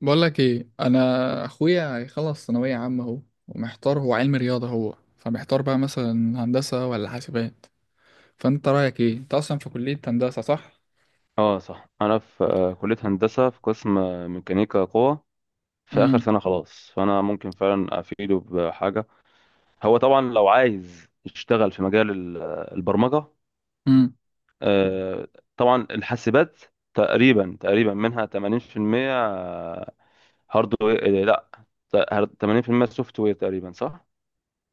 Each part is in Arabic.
بقول لك ايه، انا اخويا هيخلص ثانويه عامه اهو. ومحتار، هو علم رياضه، هو فمحتار بقى مثلا هندسه ولا حاسبات. فانت رايك ايه؟ انت اصلا في كليه هندسه صح؟ اه صح انا في آه، كليه هندسه في قسم ميكانيكا قوه في اخر امم سنه خلاص، فانا ممكن فعلا افيده بحاجه. هو طبعا لو عايز يشتغل في مجال البرمجه، امم. آه، طبعا الحاسبات تقريبا منها 80% هاردوير. لا، ت- 80% سوفت وير تقريبا، صح؟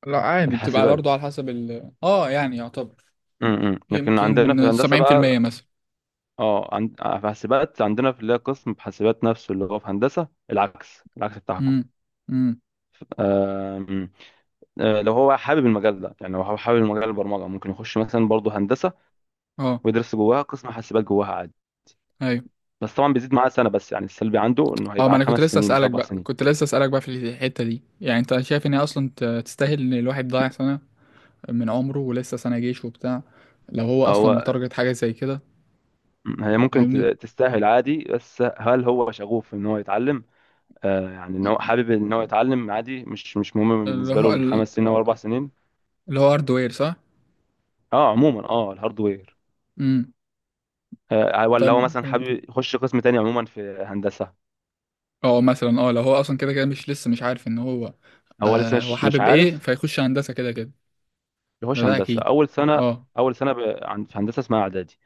لا عادي، بتبقى برضه الحاسبات، على حسب ال يعني يعتبر لكن عندنا يمكن في هندسه 70% بقى، مثلا. اه، في حاسبات عندنا، في اللي هي قسم في حاسبات نفسه اللي هو في هندسه، العكس العكس بتاعكم. امم امم آم، لو هو حابب المجال ده، يعني لو هو حابب المجال البرمجه، ممكن يخش مثلا برضه هندسه اه ويدرس جواها قسم حاسبات جواها عادي. ايوه بس طبعا بيزيد معاه سنه، بس يعني السلبي عنده انه اه هيبقى ما عن انا كنت خمس لسه سنين مش اسالك اربع بقى، سنين كنت لسه اسالك بقى في الحته دي، يعني انت شايف ان هي اصلا تستاهل ان الواحد ضايع سنه من عمره، ولسه سنه جيش وبتاع، لو هو اصلا هو متارجت حاجه زي كده؟ هي ممكن فاهمني؟ تستاهل عادي، بس هل هو شغوف ان هو يتعلم؟ آه، يعني ان هو حابب ان هو يتعلم عادي، مش مهم اللي بالنسبه له هو اللي ال 5 سنين او 4 سنين. هو هاردوير صح؟ اه عموما، اه، الهاردوير. امم. ولا طب هو مثلا حابب يخش قسم تاني عموما في هندسه؟ اه مثلا لو هو اصلا كده كده مش لسه مش عارف ان هو هو لسه هو مش حابب ايه، عارف. فيخش هندسة كده كده، ده يخش ده هندسه اكيد. اول سنه. اه، اول سنه، في هندسه اسمها اعدادي.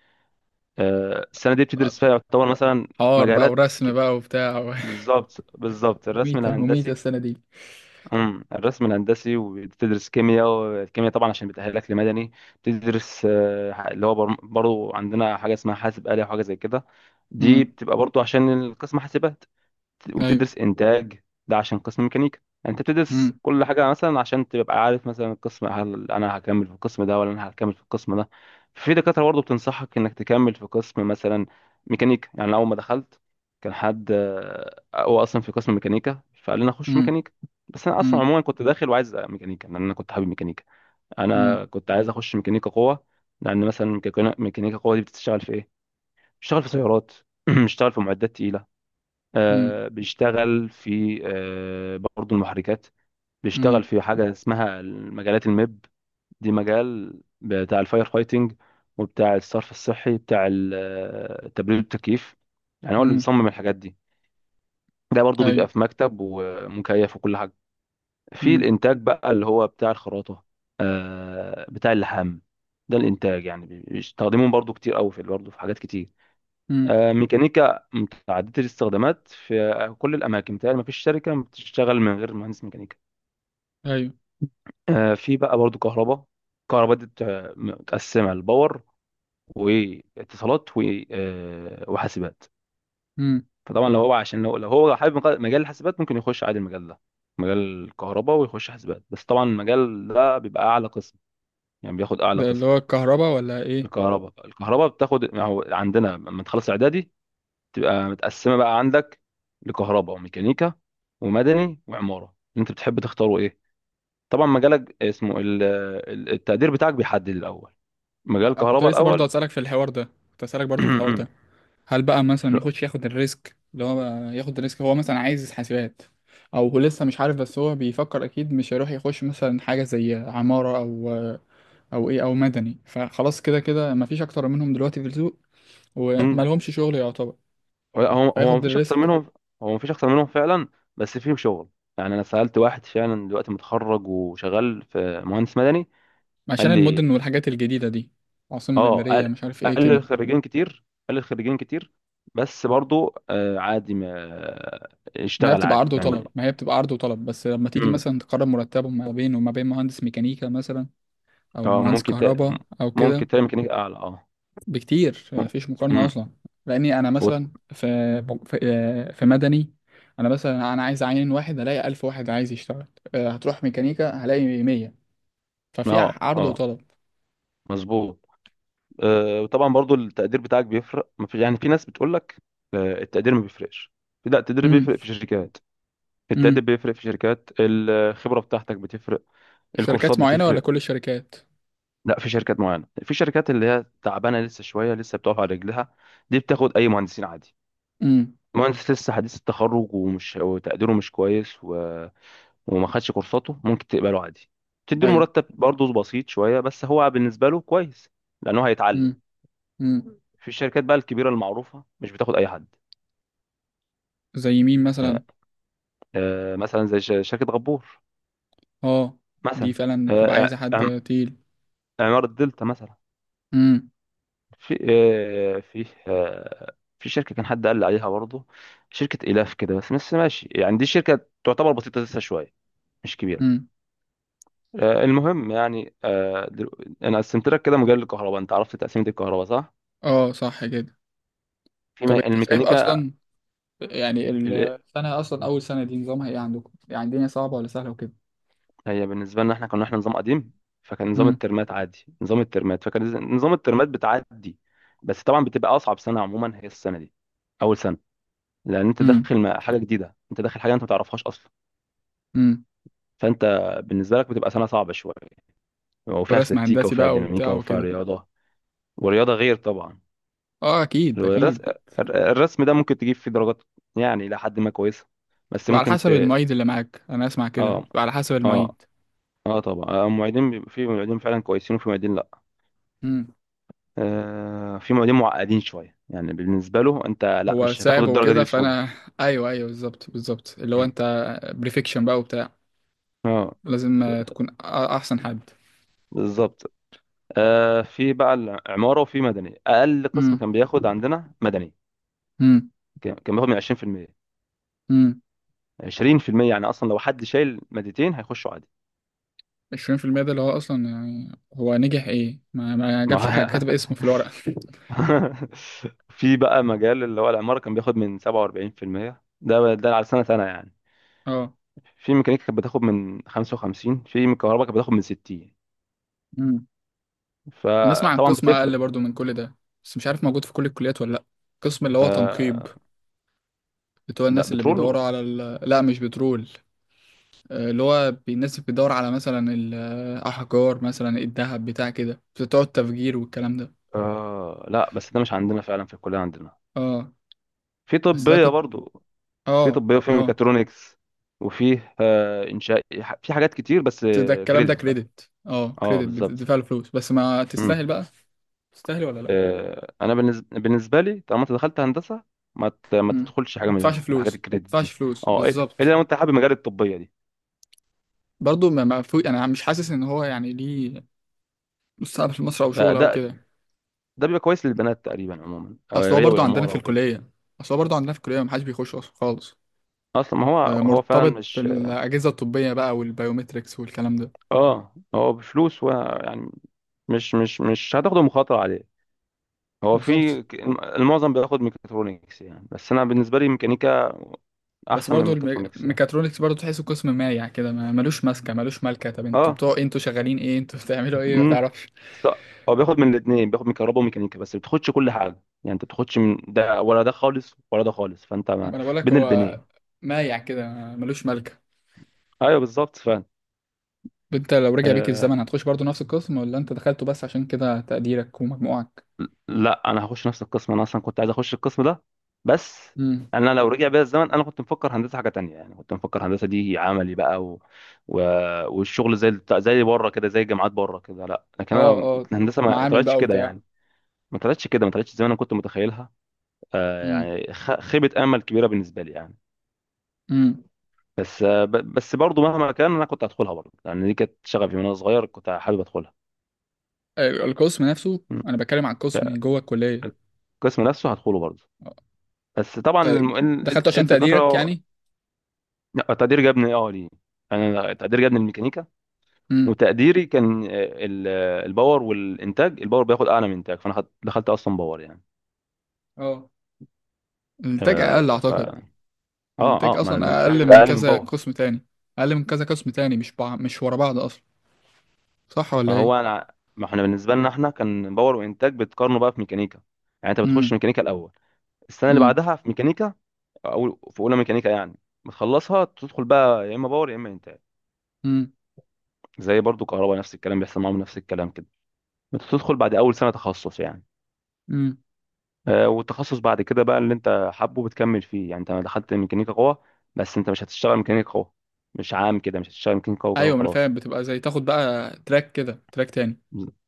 السنه دي بتدرس فيها يعتبر مثلا حوار بقى مجالات ورسم كت... بقى وبتاع و- بالظبط بالظبط الرسم مميتة مميتة الهندسي. السنة دي. الرسم الهندسي، وبتدرس كيمياء، والكيمياء طبعا عشان بتأهلك لمدني. بتدرس اللي هو برضو عندنا حاجه اسمها حاسب آلي وحاجه زي كده، دي امم. بتبقى برضو عشان القسم حاسبات. ايوه. وبتدرس انتاج، ده عشان قسم ميكانيكا. يعني انت بتدرس امم كل حاجه مثلا عشان تبقى عارف مثلا القسم، هل انا هكمل في القسم ده ولا انا هكمل في القسم ده. في دكاتره برضه بتنصحك انك تكمل في قسم مثلا ميكانيكا. يعني أنا اول ما دخلت كان حد، هو اصلا في قسم ميكانيكا، فقال لي انا اخش امم ميكانيكا. بس انا اصلا امم عموما كنت داخل وعايز ميكانيكا، لان انا كنت حابب ميكانيكا. امم انا كنت عايز اخش ميكانيكا قوه. لان مثلا ميكانيكا قوه دي بتشتغل في ايه؟ بتشتغل في سيارات، بتشتغل في معدات تقيله، امم بيشتغل في برضه المحركات، بيشتغل امم في حاجة اسمها مجالات الميب. دي مجال بتاع الفاير فايتنج، وبتاع الصرف الصحي، بتاع التبريد والتكييف. يعني هو اللي امم. بيصمم الحاجات دي. ده برضه بيبقى ايوه. في مكتب ومكيف وكل حاجة. في امم الإنتاج بقى، اللي هو بتاع الخراطة، بتاع اللحام. ده الإنتاج، يعني بيستخدموه برضه كتير أوي، في برضه في حاجات كتير. امم. ميكانيكا متعددة الاستخدامات، في كل الأماكن بتهيألي مفيش شركة بتشتغل من غير مهندس ميكانيكا. ايوه. في بقى برضو كهرباء. كهرباء دي متقسمة لباور واتصالات وحاسبات. امم. فطبعا لو هو، عشان لو هو حابب مجال الحاسبات، ممكن يخش عادي المجال ده، مجال الكهرباء، ويخش حاسبات. بس طبعا المجال ده بيبقى أعلى قسم، يعني بياخد أعلى ده اللي قسم. هو الكهرباء ولا ايه؟ الكهرباء بتاخد، يعني هو عندنا لما تخلص إعدادي تبقى متقسمه بقى عندك لكهرباء وميكانيكا ومدني وعماره، انت بتحب تختاره ايه. طبعا مجالك اسمه التقدير بتاعك بيحدد الاول مجال كنت كهرباء لسه برضه الاول. هسألك في الحوار ده، كنت هسألك برضه في الحوار ده، هل بقى مثلا حلو. يخش ياخد الريسك؟ اللي هو بقى ياخد الريسك هو مثلا عايز حاسبات، او هو لسه مش عارف، بس هو بيفكر اكيد مش هيروح يخش مثلا حاجه زي عماره او او ايه او مدني. فخلاص، كده كده مفيش اكتر منهم دلوقتي في السوق، مم. ومالهمش شغل يعتبر، هو هو فياخد مفيش اكتر الريسك. منهم. هو مفيش اكتر منهم فعلا، بس فيهم شغل. يعني انا سالت واحد فعلا دلوقتي متخرج وشغال في مهندس مدني، قال عشان المدن لي، والحاجات الجديده دي، العاصمه اه الاداريه، قال مش عارف ايه قال لي كده. الخريجين كتير، قال لي الخريجين كتير. بس برضو عادي، ما ما هي اشتغل بتبقى عادي عرض يعني. وطلب، ما هي بتبقى عرض وطلب، بس لما تيجي مثلا تقارن مرتبهم ما بينه وما بين مهندس ميكانيكا مثلا، او اه مهندس ممكن كهرباء او ممكن كده، تعمل ميكانيكا اعلى، اه. بكتير مفيش مقارنة امم أصلا. لأني أنا مثلا وت- في في مدني، أنا مثلا أنا عايز أعين واحد، هلاقي ألف واحد عايز يشتغل. هتروح ميكانيكا هلاقي مية. ففي اه، عرض اه، وطلب. مظبوط. وطبعا برضو التقدير بتاعك بيفرق، ما في... يعني في ناس بتقول لك التقدير ما بيفرقش. لا، التقدير امم. بيفرق في شركات، التقدير امم. بيفرق في شركات، الخبرة بتاعتك بتفرق، الكورسات شركات معينة ولا بتفرق. كل الشركات؟ لا، في شركات معينة، في شركات اللي هي تعبانة لسه شوية، لسه بتقف على رجلها، دي بتاخد اي مهندسين عادي. امم. مهندس لسه حديث التخرج، ومش وتقديره مش كويس وما خدش كورساته، ممكن تقبله عادي، تديله أيوه. مرتب برضه بسيط شويه، بس هو بالنسبه له كويس لانه هيتعلم. امم امم. في الشركات بقى الكبيره المعروفه مش بتاخد اي حد. زي مين مثلا؟ آه، مثلا زي شركه غبور أه. دي مثلا، فعلا بتبقى آه، عايزة عم- حد تقيل. عماره دلتا مثلا. امم في شركه كان حد قال لي عليها برضه، شركه الاف كده، بس ماشي يعني، دي شركه تعتبر بسيطه لسه شويه، مش كبيره. امم. المهم يعني، انا قسمت لك كده مجال الكهرباء، انت عرفت تقسيمه الكهرباء، صح؟ أه صح كده. في طب أنت شايف الميكانيكا. أصلا، يعني ال- السنة أصلا، أول سنة دي نظامها إيه عندكم؟ يعني الدنيا صعبة ولا سهلة وكده؟ هي بالنسبه لنا احنا، احنا نظام قديم، فكان نظام الترمات عادي، نظام الترمات، فكان نظام الترمات بتعدي. بس طبعا بتبقى اصعب سنه عموما هي السنه دي، اول سنه، لان انت امم داخل حاجه جديده، انت داخل حاجه انت ما تعرفهاش اصلا. امم. فانت بالنسبه لك بتبقى سنه صعبه شويه، وفيها ورسم استاتيكا هندسي وفيها بقى ديناميكا وبتاع وفيها وكده. رياضه. والرياضه غير طبعا. اه اكيد الرسم اكيد. الرسم ده ممكن تجيب فيه درجات، يعني الى حد ما كويسه، بس بتبقى على ممكن ت... حسب المعيد اللي معاك، انا اسمع كده اه، بتبقى على حسب اه، المعيد. اه، طبعا، المعيدين بيبقى في معيدين فعلا كويسين، وفي معيدين لا. امم. في معيدين معقدين شويه، يعني بالنسبه له انت لا، هو مش هتاخد صعب الدرجه دي وكده بسهوله. فانا ايوه ايوه بالظبط بالظبط اللي هو مم. انت بريفكشن بقى وبتاع، اه، لازم تكون احسن حد. بالظبط. في بقى العماره، وفي مدني. اقل قسم امم كان بياخد عندنا مدني، امم كان بياخد من 20%. امم. 20% يعني، اصلا لو حد شايل مادتين هيخشوا عادي. 20% ده اللي هو اصلا يعني هو نجح ايه، ما ما جابش حاجه، كاتب اسمه هو- في الورقه. في بقى مجال اللي هو العماره كان بياخد من 47%، ده على سنه سنه يعني. اه. في ميكانيكا كانت بتاخد من 55، في كهرباء كانت بتاخد من 60، امم. بسمع عن فطبعا قسم اقل بتفرق. برضو من كل ده، بس مش عارف موجود في كل الكليات ولا لا. قسم اللي هو تنقيب، آه، بتوع لا الناس اللي بيدوروا بترول. على ال... لا مش بترول. اللي هو الناس اللي بتدور على مثلا الأحجار، مثلا الذهب، بتاع كده، بتوع التفجير والكلام ده. لا، بس ده مش عندنا فعلا، في الكلية عندنا اه. في بس ده طبية كنت. برضو، في اه طبية وفي اه. ميكاترونكس، وفيه إنشاء، في حاجات كتير، بس بس ده الكلام ده كريدت بقى. كريدت، اه اه، كريدت بالظبط. بتدفع له فلوس، بس ما مم. تستاهل بقى، تستاهل ولا لا. انا بالنسبة لي طالما انت دخلت هندسة، ما امم. تدخلش حاجة ما تدفعش من فلوس، الحاجات ما الكريدت تدفعش دي. فلوس اه، الا بالظبط. لو انت حابب مجال الطبية دي. برضه ما فوق، انا مش حاسس ان هو يعني ليه مستقبل في مصر او آه، شغل او ده كده. ده بيبقى كويس للبنات تقريبا عموما، اصل هو هي برضه عندنا في والعمارة وكده. الكليه، اصل هو برضه عندنا في الكليه ما حدش بيخش أصلاً خالص. اصلا، ما هو هو فعلا مرتبط مش، بالأجهزة الطبية بقى والبيومتريكس والكلام ده. اه، هو بفلوس ويعني، مش هتاخده مخاطرة عليه. هو بالظبط. في المعظم بياخد ميكاترونكس، يعني بس انا بالنسبة لي ميكانيكا بس احسن من برضو ميكاترونكس يعني. الميكاترونكس برضو تحسه قسم مايع كده، ما ملوش ماسكة ملوش مالكة، طب انتوا اه. بتوع ايه؟ انتوا شغالين ايه؟ انتوا بتعملوا ايه ما امم تعرفش. ص- هو بياخد من الاثنين، بياخد من كهرباء وميكانيكا، بس بتاخدش كل حاجة، يعني انت بتاخدش من ده ولا ده خالص، ولا ده خالص، فانت ما ما انا بقولك بين هو البنين. مايع كده، ملوش مالكة. ايوه، بالظبط، فعلا. انت لو رجع بيك آه، الزمن هتخش برضو نفس القسم، ولا انت دخلته بس عشان كده تقديرك ومجموعك؟ لا، انا هخش نفس القسم، انا اصلا كنت عايز اخش القسم ده. بس امم. انا لو رجع بيا الزمن، انا كنت مفكر هندسه حاجه تانية، يعني كنت مفكر هندسه دي عملي بقى، و... والشغل زي زي بره كده، زي الجامعات بره كده، لا. لكن اه انا اه. الهندسه ما معامل طلعتش بقى كده وبتاع. يعني، ما طلعتش كده، ما طلعتش زي ما انا كنت متخيلها. امم يعني خيبه امل كبيره بالنسبه لي يعني. امم. بس برضو مهما كان انا كنت هدخلها برضو، لان دي كانت شغفي من وانا صغير، كنت حابب ادخلها. القسم نفسه، م. انا بتكلم عن القسم جوه الكلية. القسم نفسه هدخله برضه. اه. بس طبعا ت- دخلته عشان تقديرك الدكاترة. يعني؟ لا، تقدير جابني، اه، ليه؟ انا تقدير جابني الميكانيكا، وتقديري كان، الباور والانتاج، الباور بياخد اعلى من انتاج، فانا دخلت اصلا باور يعني. اه الانتاج اقل آه، ف اعتقد. اه الانتاج اه، ما اصلا الانتاج اقل من اقل من كذا باور. قسم تاني، اقل من كذا قسم تاني، مش مش ورا بعض اصلا، صح ولا ما ايه؟ هو انا، ما احنا بالنسبه لنا احنا كان باور وانتاج بتقارنوا بقى في ميكانيكا. يعني انت بتخش امم ميكانيكا الاول، السنه اللي امم بعدها في ميكانيكا، او في اولى ميكانيكا يعني، بتخلصها تدخل بقى يا اما باور يا اما انتاج. امم زي برضو كهرباء، نفس الكلام بيحصل معاهم، نفس الكلام كده. بتدخل بعد اول سنه تخصص يعني. امم. والتخصص بعد كده بقى اللي انت حابه بتكمل فيه. يعني انت دخلت ميكانيكا قوة، بس انت مش هتشتغل ميكانيكا قوة، مش عام كده، مش هتشتغل ميكانيكا قوة كده ايوه، ما انا وخلاص. فاهم، بتبقى زي تاخد بقى تراك كده، تراك تاني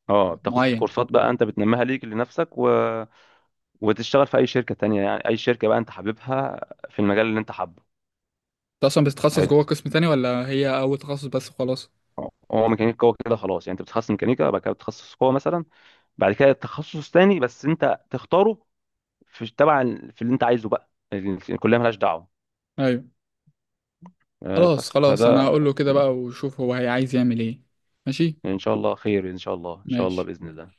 اه، بتاخد معين. كورسات بقى، انت بتنميها ليك لنفسك، وتشتغل في اي شركة تانية، يعني اي شركة بقى انت حاببها، في المجال اللي انت حابه. انت اصلا بتتخصص حلو. جوه قسم تاني ولا هي اول تخصص بس خلاص؟ اه، هو ميكانيكا قوة كده خلاص، يعني انت بتتخصص ميكانيكا، بعد كده بتتخصص قوة مثلا، بعد كده تخصص تاني بس انت تختاره، في تبع في اللي انت عايزه بقى، الكلية مالهاش دعوة. ايوه. خلاص بس خلاص، انا فده. هقول له كده بقى وشوف هو هي عايز يعمل ايه. ماشي. ان شاء الله خير، ان شاء الله، ان شاء الله، ماشي. باذن الله.